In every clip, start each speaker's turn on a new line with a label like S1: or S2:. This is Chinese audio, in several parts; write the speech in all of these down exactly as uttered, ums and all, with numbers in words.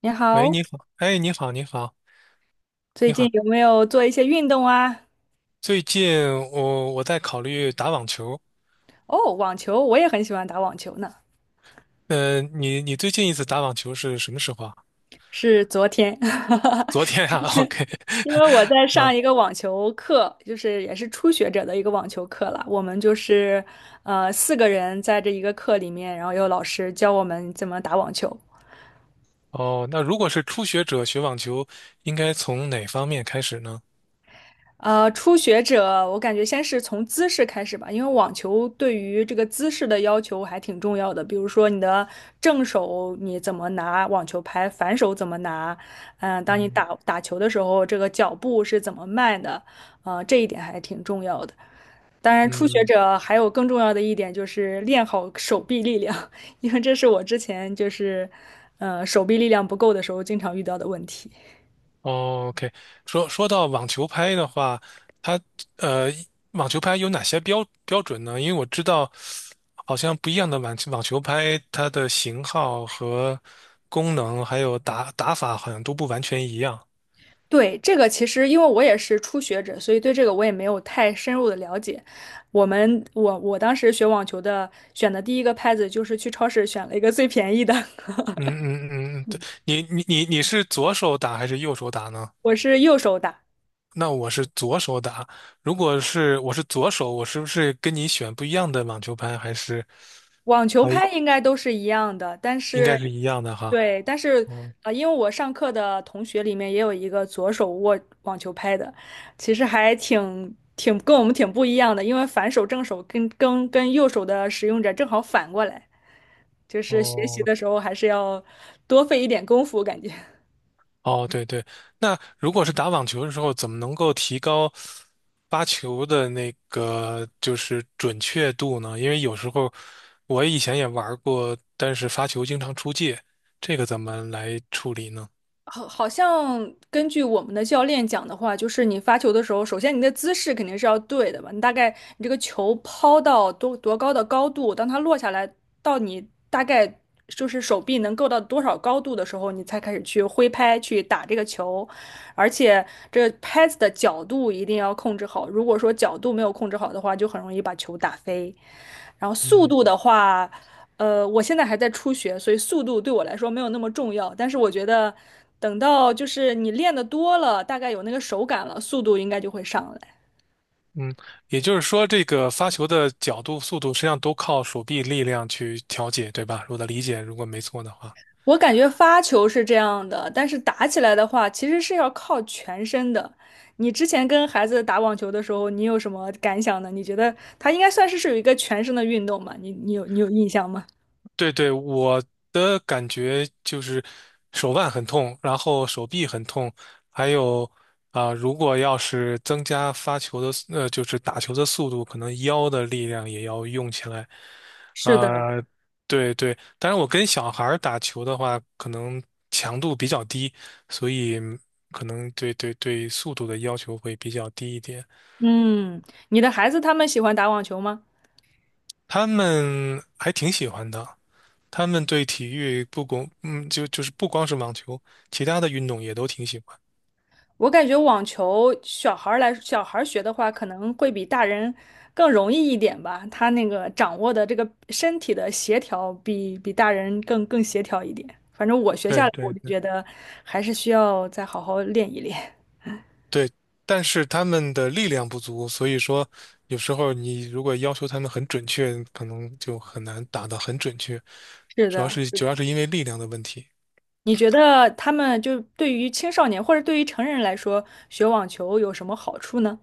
S1: 你
S2: 喂，
S1: 好，
S2: 你好，哎，你好，你好，
S1: 最
S2: 你
S1: 近
S2: 好。
S1: 有没有做一些运动啊？
S2: 最近我我在考虑打网球。
S1: 哦，网球，我也很喜欢打网球呢。
S2: 呃，你你最近一次打网球是什么时候啊？
S1: 是昨天，
S2: 昨天 啊 ，OK，
S1: 因为我在
S2: 啊。
S1: 上一个网球课，就是也是初学者的一个网球课了。我们就是呃四个人在这一个课里面，然后有老师教我们怎么打网球。
S2: 哦，那如果是初学者学网球，应该从哪方面开始呢？
S1: 呃，初学者，我感觉先是从姿势开始吧，因为网球对于这个姿势的要求还挺重要的。比如说你的正手你怎么拿网球拍，反手怎么拿，嗯、当你
S2: 嗯
S1: 打打球的时候，这个脚步是怎么迈的，呃，这一点还挺重要的。当然，初学
S2: 嗯。
S1: 者还有更重要的一点就是练好手臂力量，因为这是我之前就是，呃，手臂力量不够的时候经常遇到的问题。
S2: 哦 OK，说说到网球拍的话，它呃，网球拍有哪些标标准呢？因为我知道，好像不一样的网球网球拍，它的型号和功能还有打打法好像都不完全一样。
S1: 对，这个其实因为我也是初学者，所以对这个我也没有太深入的了解。我们我我当时学网球的，选的第一个拍子就是去超市选了一个最便宜的，
S2: 嗯嗯嗯，嗯对，你你你你是左手打还是右手打呢？
S1: 我是右手打，
S2: 那我是左手打，如果是我是左手，我是不是跟你选不一样的网球拍？还是
S1: 网球
S2: 啊，
S1: 拍应该都是一样的，但
S2: 应该
S1: 是
S2: 是一样的哈。
S1: 对，但是
S2: 嗯。
S1: 啊，因为我上课的同学里面也有一个左手握网球拍的，其实还挺挺跟我们挺不一样的，因为反手正手跟跟跟右手的使用者正好反过来。就是学
S2: 哦
S1: 习的时候还是要多费一点功夫，感觉
S2: 哦，对对，那如果是打网球的时候，怎么能够提高发球的那个就是准确度呢？因为有时候我以前也玩过，但是发球经常出界，这个怎么来处理呢？
S1: 好，好像根据我们的教练讲的话，就是你发球的时候，首先你的姿势肯定是要对的吧？你大概你这个球抛到多多高的高度，当它落下来到你大概就是手臂能够到多少高度的时候，你才开始去挥拍去打这个球，而且这拍子的角度一定要控制好，如果说角度没有控制好的话，就很容易把球打飞。然后速
S2: 嗯
S1: 度的话，呃，我现在还在初学，所以速度对我来说没有那么重要。但是我觉得，等到就是你练的多了，大概有那个手感了，速度应该就会上来。
S2: 嗯，也就是说，这个发球的角度、速度，实际上都靠手臂力量去调节，对吧？我的理解，如果没错的话。
S1: 我感觉发球是这样的，但是打起来的话，其实是要靠全身的。你之前跟孩子打网球的时候，你有什么感想呢？你觉得它应该算是是有一个全身的运动嘛？你你有你有印象吗？
S2: 对对，我的感觉就是手腕很痛，然后手臂很痛，还有啊、如果要是增加发球的速呃，就是打球的速度，可能腰的力量也要用起来。
S1: 是的。
S2: 啊、对对，但是我跟小孩儿打球的话，可能强度比较低，所以可能对对对速度的要求会比较低一点。
S1: 嗯，你的孩子他们喜欢打网球吗？
S2: 他们还挺喜欢的。他们对体育不光，嗯，就就是不光是网球，其他的运动也都挺喜欢。
S1: 我感觉网球小孩儿来，小孩儿学的话，可能会比大人更容易一点吧。他那个掌握的这个身体的协调比，比大人更更协调一点。反正我学下
S2: 对
S1: 来，我
S2: 对
S1: 就
S2: 对
S1: 觉得还是需要再好好练一练。
S2: 对，但是他们的力量不足，所以说有时候你如果要求他们很准确，可能就很难打得很准确，
S1: 是
S2: 主要
S1: 的，
S2: 是主要是因为力量的问题。
S1: 你觉得他们就对于青少年或者对于成人来说，学网球有什么好处呢？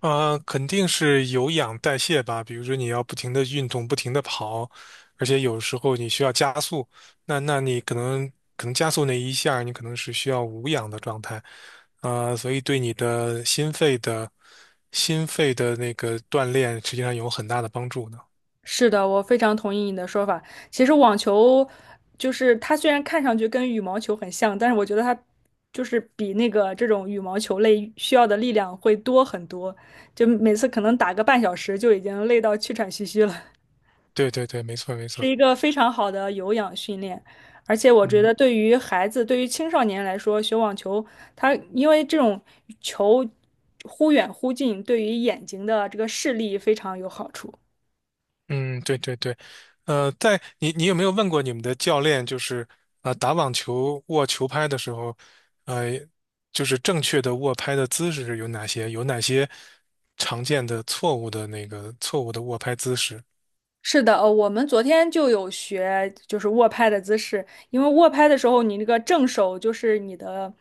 S2: 啊，肯定是有氧代谢吧。比如说，你要不停的运动，不停的跑，而且有时候你需要加速，那那你可能可能加速那一下儿你可能是需要无氧的状态。呃，所以对你的心肺的心肺的那个锻炼，实际上有很大的帮助的。
S1: 是的，我非常同意你的说法。其实网球就是它虽然看上去跟羽毛球很像，但是我觉得它就是比那个这种羽毛球类需要的力量会多很多，就每次可能打个半小时就已经累到气喘吁吁了，
S2: 对对对，没错没
S1: 是
S2: 错。
S1: 一个非常好的有氧训练。而且我觉
S2: 嗯。
S1: 得对于孩子，对于青少年来说，学网球，它因为这种球忽远忽近，对于眼睛的这个视力非常有好处。
S2: 嗯，对对对。呃，在你你有没有问过你们的教练，就是啊、呃打网球握球拍的时候，呃，就是正确的握拍的姿势有哪些？有哪些常见的错误的那个错误的握拍姿势？
S1: 是的，呃，我们昨天就有学，就是握拍的姿势。因为握拍的时候，你那个正手就是你的，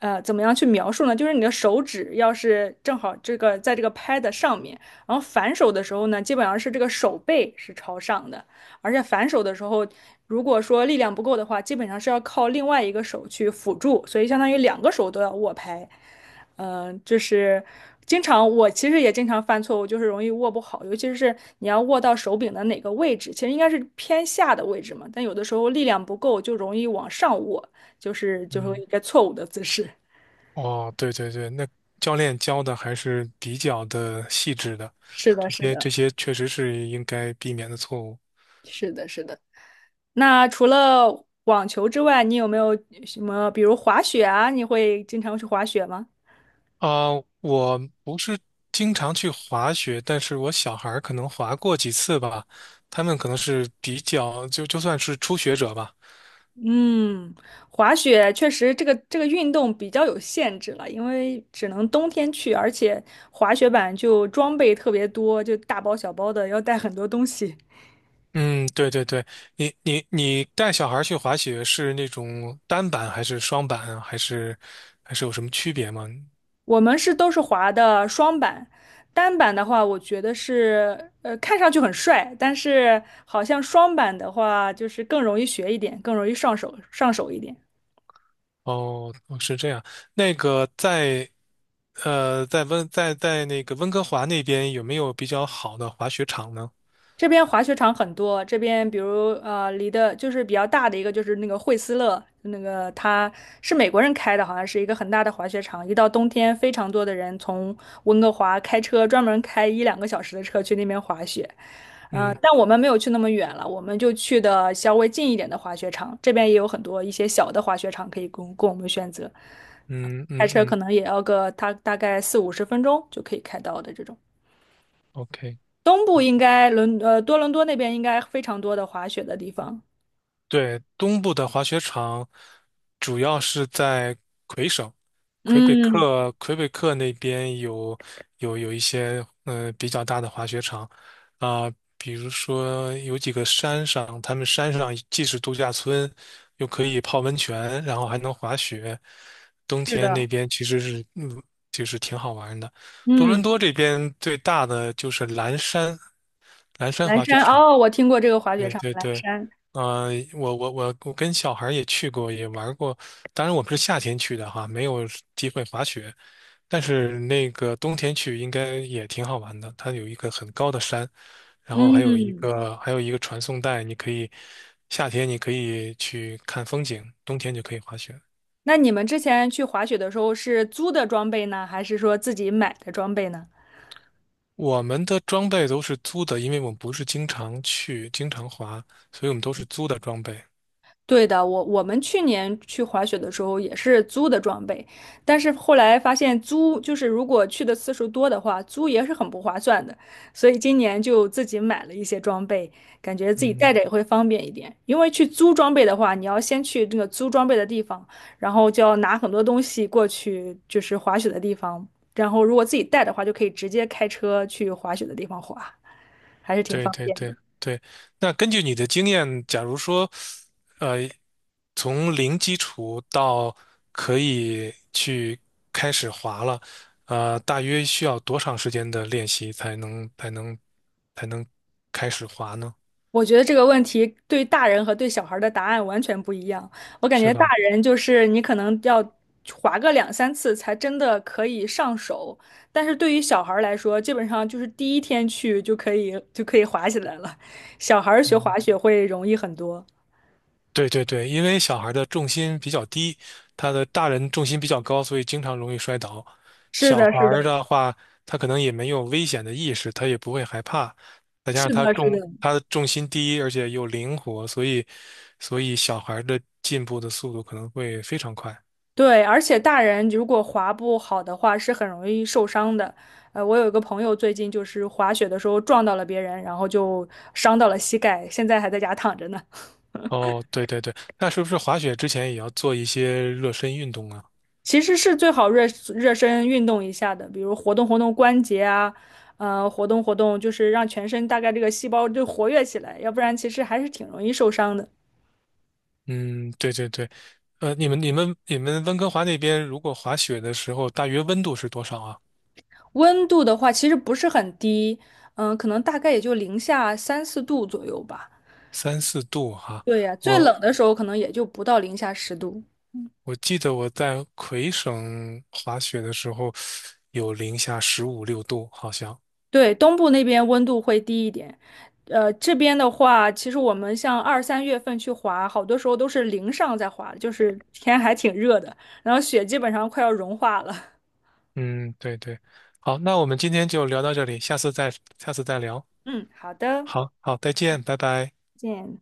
S1: 呃，怎么样去描述呢？就是你的手指要是正好这个在这个拍的上面，然后反手的时候呢，基本上是这个手背是朝上的，而且反手的时候，如果说力量不够的话，基本上是要靠另外一个手去辅助，所以相当于两个手都要握拍。嗯，呃就是经常我其实也经常犯错误，就是容易握不好，尤其是你要握到手柄的哪个位置，其实应该是偏下的位置嘛，但有的时候力量不够，就容易往上握，就是就是
S2: 嗯。
S1: 一个错误的姿势。
S2: 哦，对对对，那教练教的还是比较的细致的，
S1: 是的，
S2: 这
S1: 是
S2: 些
S1: 的，
S2: 这些确实是应该避免的错误。
S1: 是的，是的。那除了网球之外，你有没有什么，比如滑雪啊？你会经常去滑雪吗？
S2: 啊、我不是经常去滑雪，但是我小孩儿可能滑过几次吧，他们可能是比较就就算是初学者吧。
S1: 嗯，滑雪确实这个这个运动比较有限制了，因为只能冬天去，而且滑雪板就装备特别多，就大包小包的要带很多东西。
S2: 嗯，对对对，你你你带小孩儿去滑雪是那种单板还是双板啊，还是还是有什么区别吗？
S1: 我们是都是滑的双板，单板的话，我觉得是呃看上去很帅，但是好像双板的话就是更容易学一点，更容易上手上手一点。
S2: 哦哦是这样。那个在呃在温在在那个温哥华那边有没有比较好的滑雪场呢？
S1: 这边滑雪场很多，这边比如呃，离的就是比较大的一个就是那个惠斯勒，那个它是美国人开的，好像是一个很大的滑雪场。一到冬天，非常多的人从温哥华开车，专门开一两个小时的车去那边滑雪。嗯、呃
S2: 嗯
S1: 但我们没有去那么远了，我们就去的稍微近一点的滑雪场。这边也有很多一些小的滑雪场可以供供我们选择，
S2: 嗯
S1: 开
S2: 嗯
S1: 车
S2: 嗯
S1: 可能也要个大大概四五十分钟就可以开到的这种。
S2: ，OK。
S1: 东部应该伦呃多伦多那边应该非常多的滑雪的地方。
S2: 对，东部的滑雪场主要是在魁省，魁北
S1: 嗯，
S2: 克，魁北克那边有有有一些呃比较大的滑雪场啊，比如说有几个山上，他们山上既是度假村，又可以泡温泉，然后还能滑雪。冬
S1: 是
S2: 天那
S1: 的，
S2: 边其实是嗯，就是挺好玩的。多伦
S1: 嗯，
S2: 多这边最大的就是蓝山，蓝山
S1: 蓝
S2: 滑雪
S1: 山
S2: 场。
S1: 哦，我听过这个滑雪
S2: 对
S1: 场，
S2: 对
S1: 蓝
S2: 对，
S1: 山。
S2: 啊、我我我我跟小孩儿也去过，也玩儿过。当然，我们是夏天去的哈，没有机会滑雪。但是那个冬天去应该也挺好玩的，它有一个很高的山，然后还有一
S1: 嗯，
S2: 个还有一个传送带，你可以夏天你可以去看风景，冬天就可以滑雪。
S1: 那你们之前去滑雪的时候是租的装备呢，还是说自己买的装备呢？
S2: 我们的装备都是租的，因为我们不是经常去、经常滑，所以我们都是租的装备。
S1: 对的，我我们去年去滑雪的时候也是租的装备，但是后来发现租就是如果去的次数多的话，租也是很不划算的，所以今年就自己买了一些装备，感觉自己带
S2: 嗯，
S1: 着也会方便一点。因为去租装备的话，你要先去那个租装备的地方，然后就要拿很多东西过去，就是滑雪的地方，然后如果自己带的话，就可以直接开车去滑雪的地方滑，还是挺
S2: 对
S1: 方
S2: 对
S1: 便。
S2: 对对。那根据你的经验，假如说呃，从零基础到可以去开始滑了，呃，大约需要多长时间的练习才能才能才能开始滑呢？
S1: 我觉得这个问题对大人和对小孩儿的答案完全不一样。我感
S2: 是
S1: 觉大
S2: 吧？
S1: 人就是你可能要滑个两三次才真的可以上手，但是对于小孩儿来说，基本上就是第一天去就可以就可以滑起来了。小孩儿学
S2: 嗯
S1: 滑雪会容易很多。
S2: 对对对，因为小孩的重心比较低，他的大人重心比较高，所以经常容易摔倒。
S1: 是
S2: 小
S1: 的，
S2: 孩
S1: 是的，
S2: 儿的话，他可能也没有危险的意识，他也不会害怕，再加
S1: 是
S2: 上他
S1: 的，是
S2: 重
S1: 的。
S2: 他的重心低，而且又灵活，所以所以小孩儿的进步的速度可能会非常快。
S1: 对，而且大人如果滑不好的话，是很容易受伤的。呃，我有一个朋友最近就是滑雪的时候撞到了别人，然后就伤到了膝盖，现在还在家躺着呢。
S2: 哦，对对对，那是不是滑雪之前也要做一些热身运动啊？
S1: 其实是最好热热身运动一下的，比如活动活动关节啊，呃，活动活动，就是让全身大概这个细胞就活跃起来，要不然其实还是挺容易受伤的。
S2: 嗯，对对对。呃，你们你们你们温哥华那边如果滑雪的时候，大约温度是多少啊？
S1: 温度的话，其实不是很低，嗯、可能大概也就零下三四度左右吧。
S2: 三四度哈、
S1: 对呀，最
S2: 我
S1: 冷的时候可能也就不到零下十度。
S2: 我记得我在魁省滑雪的时候有零下十五六度，好像。
S1: 对，东部那边温度会低一点，呃，这边的话，其实我们像二三月份去滑，好多时候都是零上在滑，就是天还挺热的，然后雪基本上快要融化了。
S2: 嗯，对对。好，那我们今天就聊到这里，下次再下次再聊。
S1: 嗯，好的，再
S2: 好好，再见，拜拜。
S1: 见。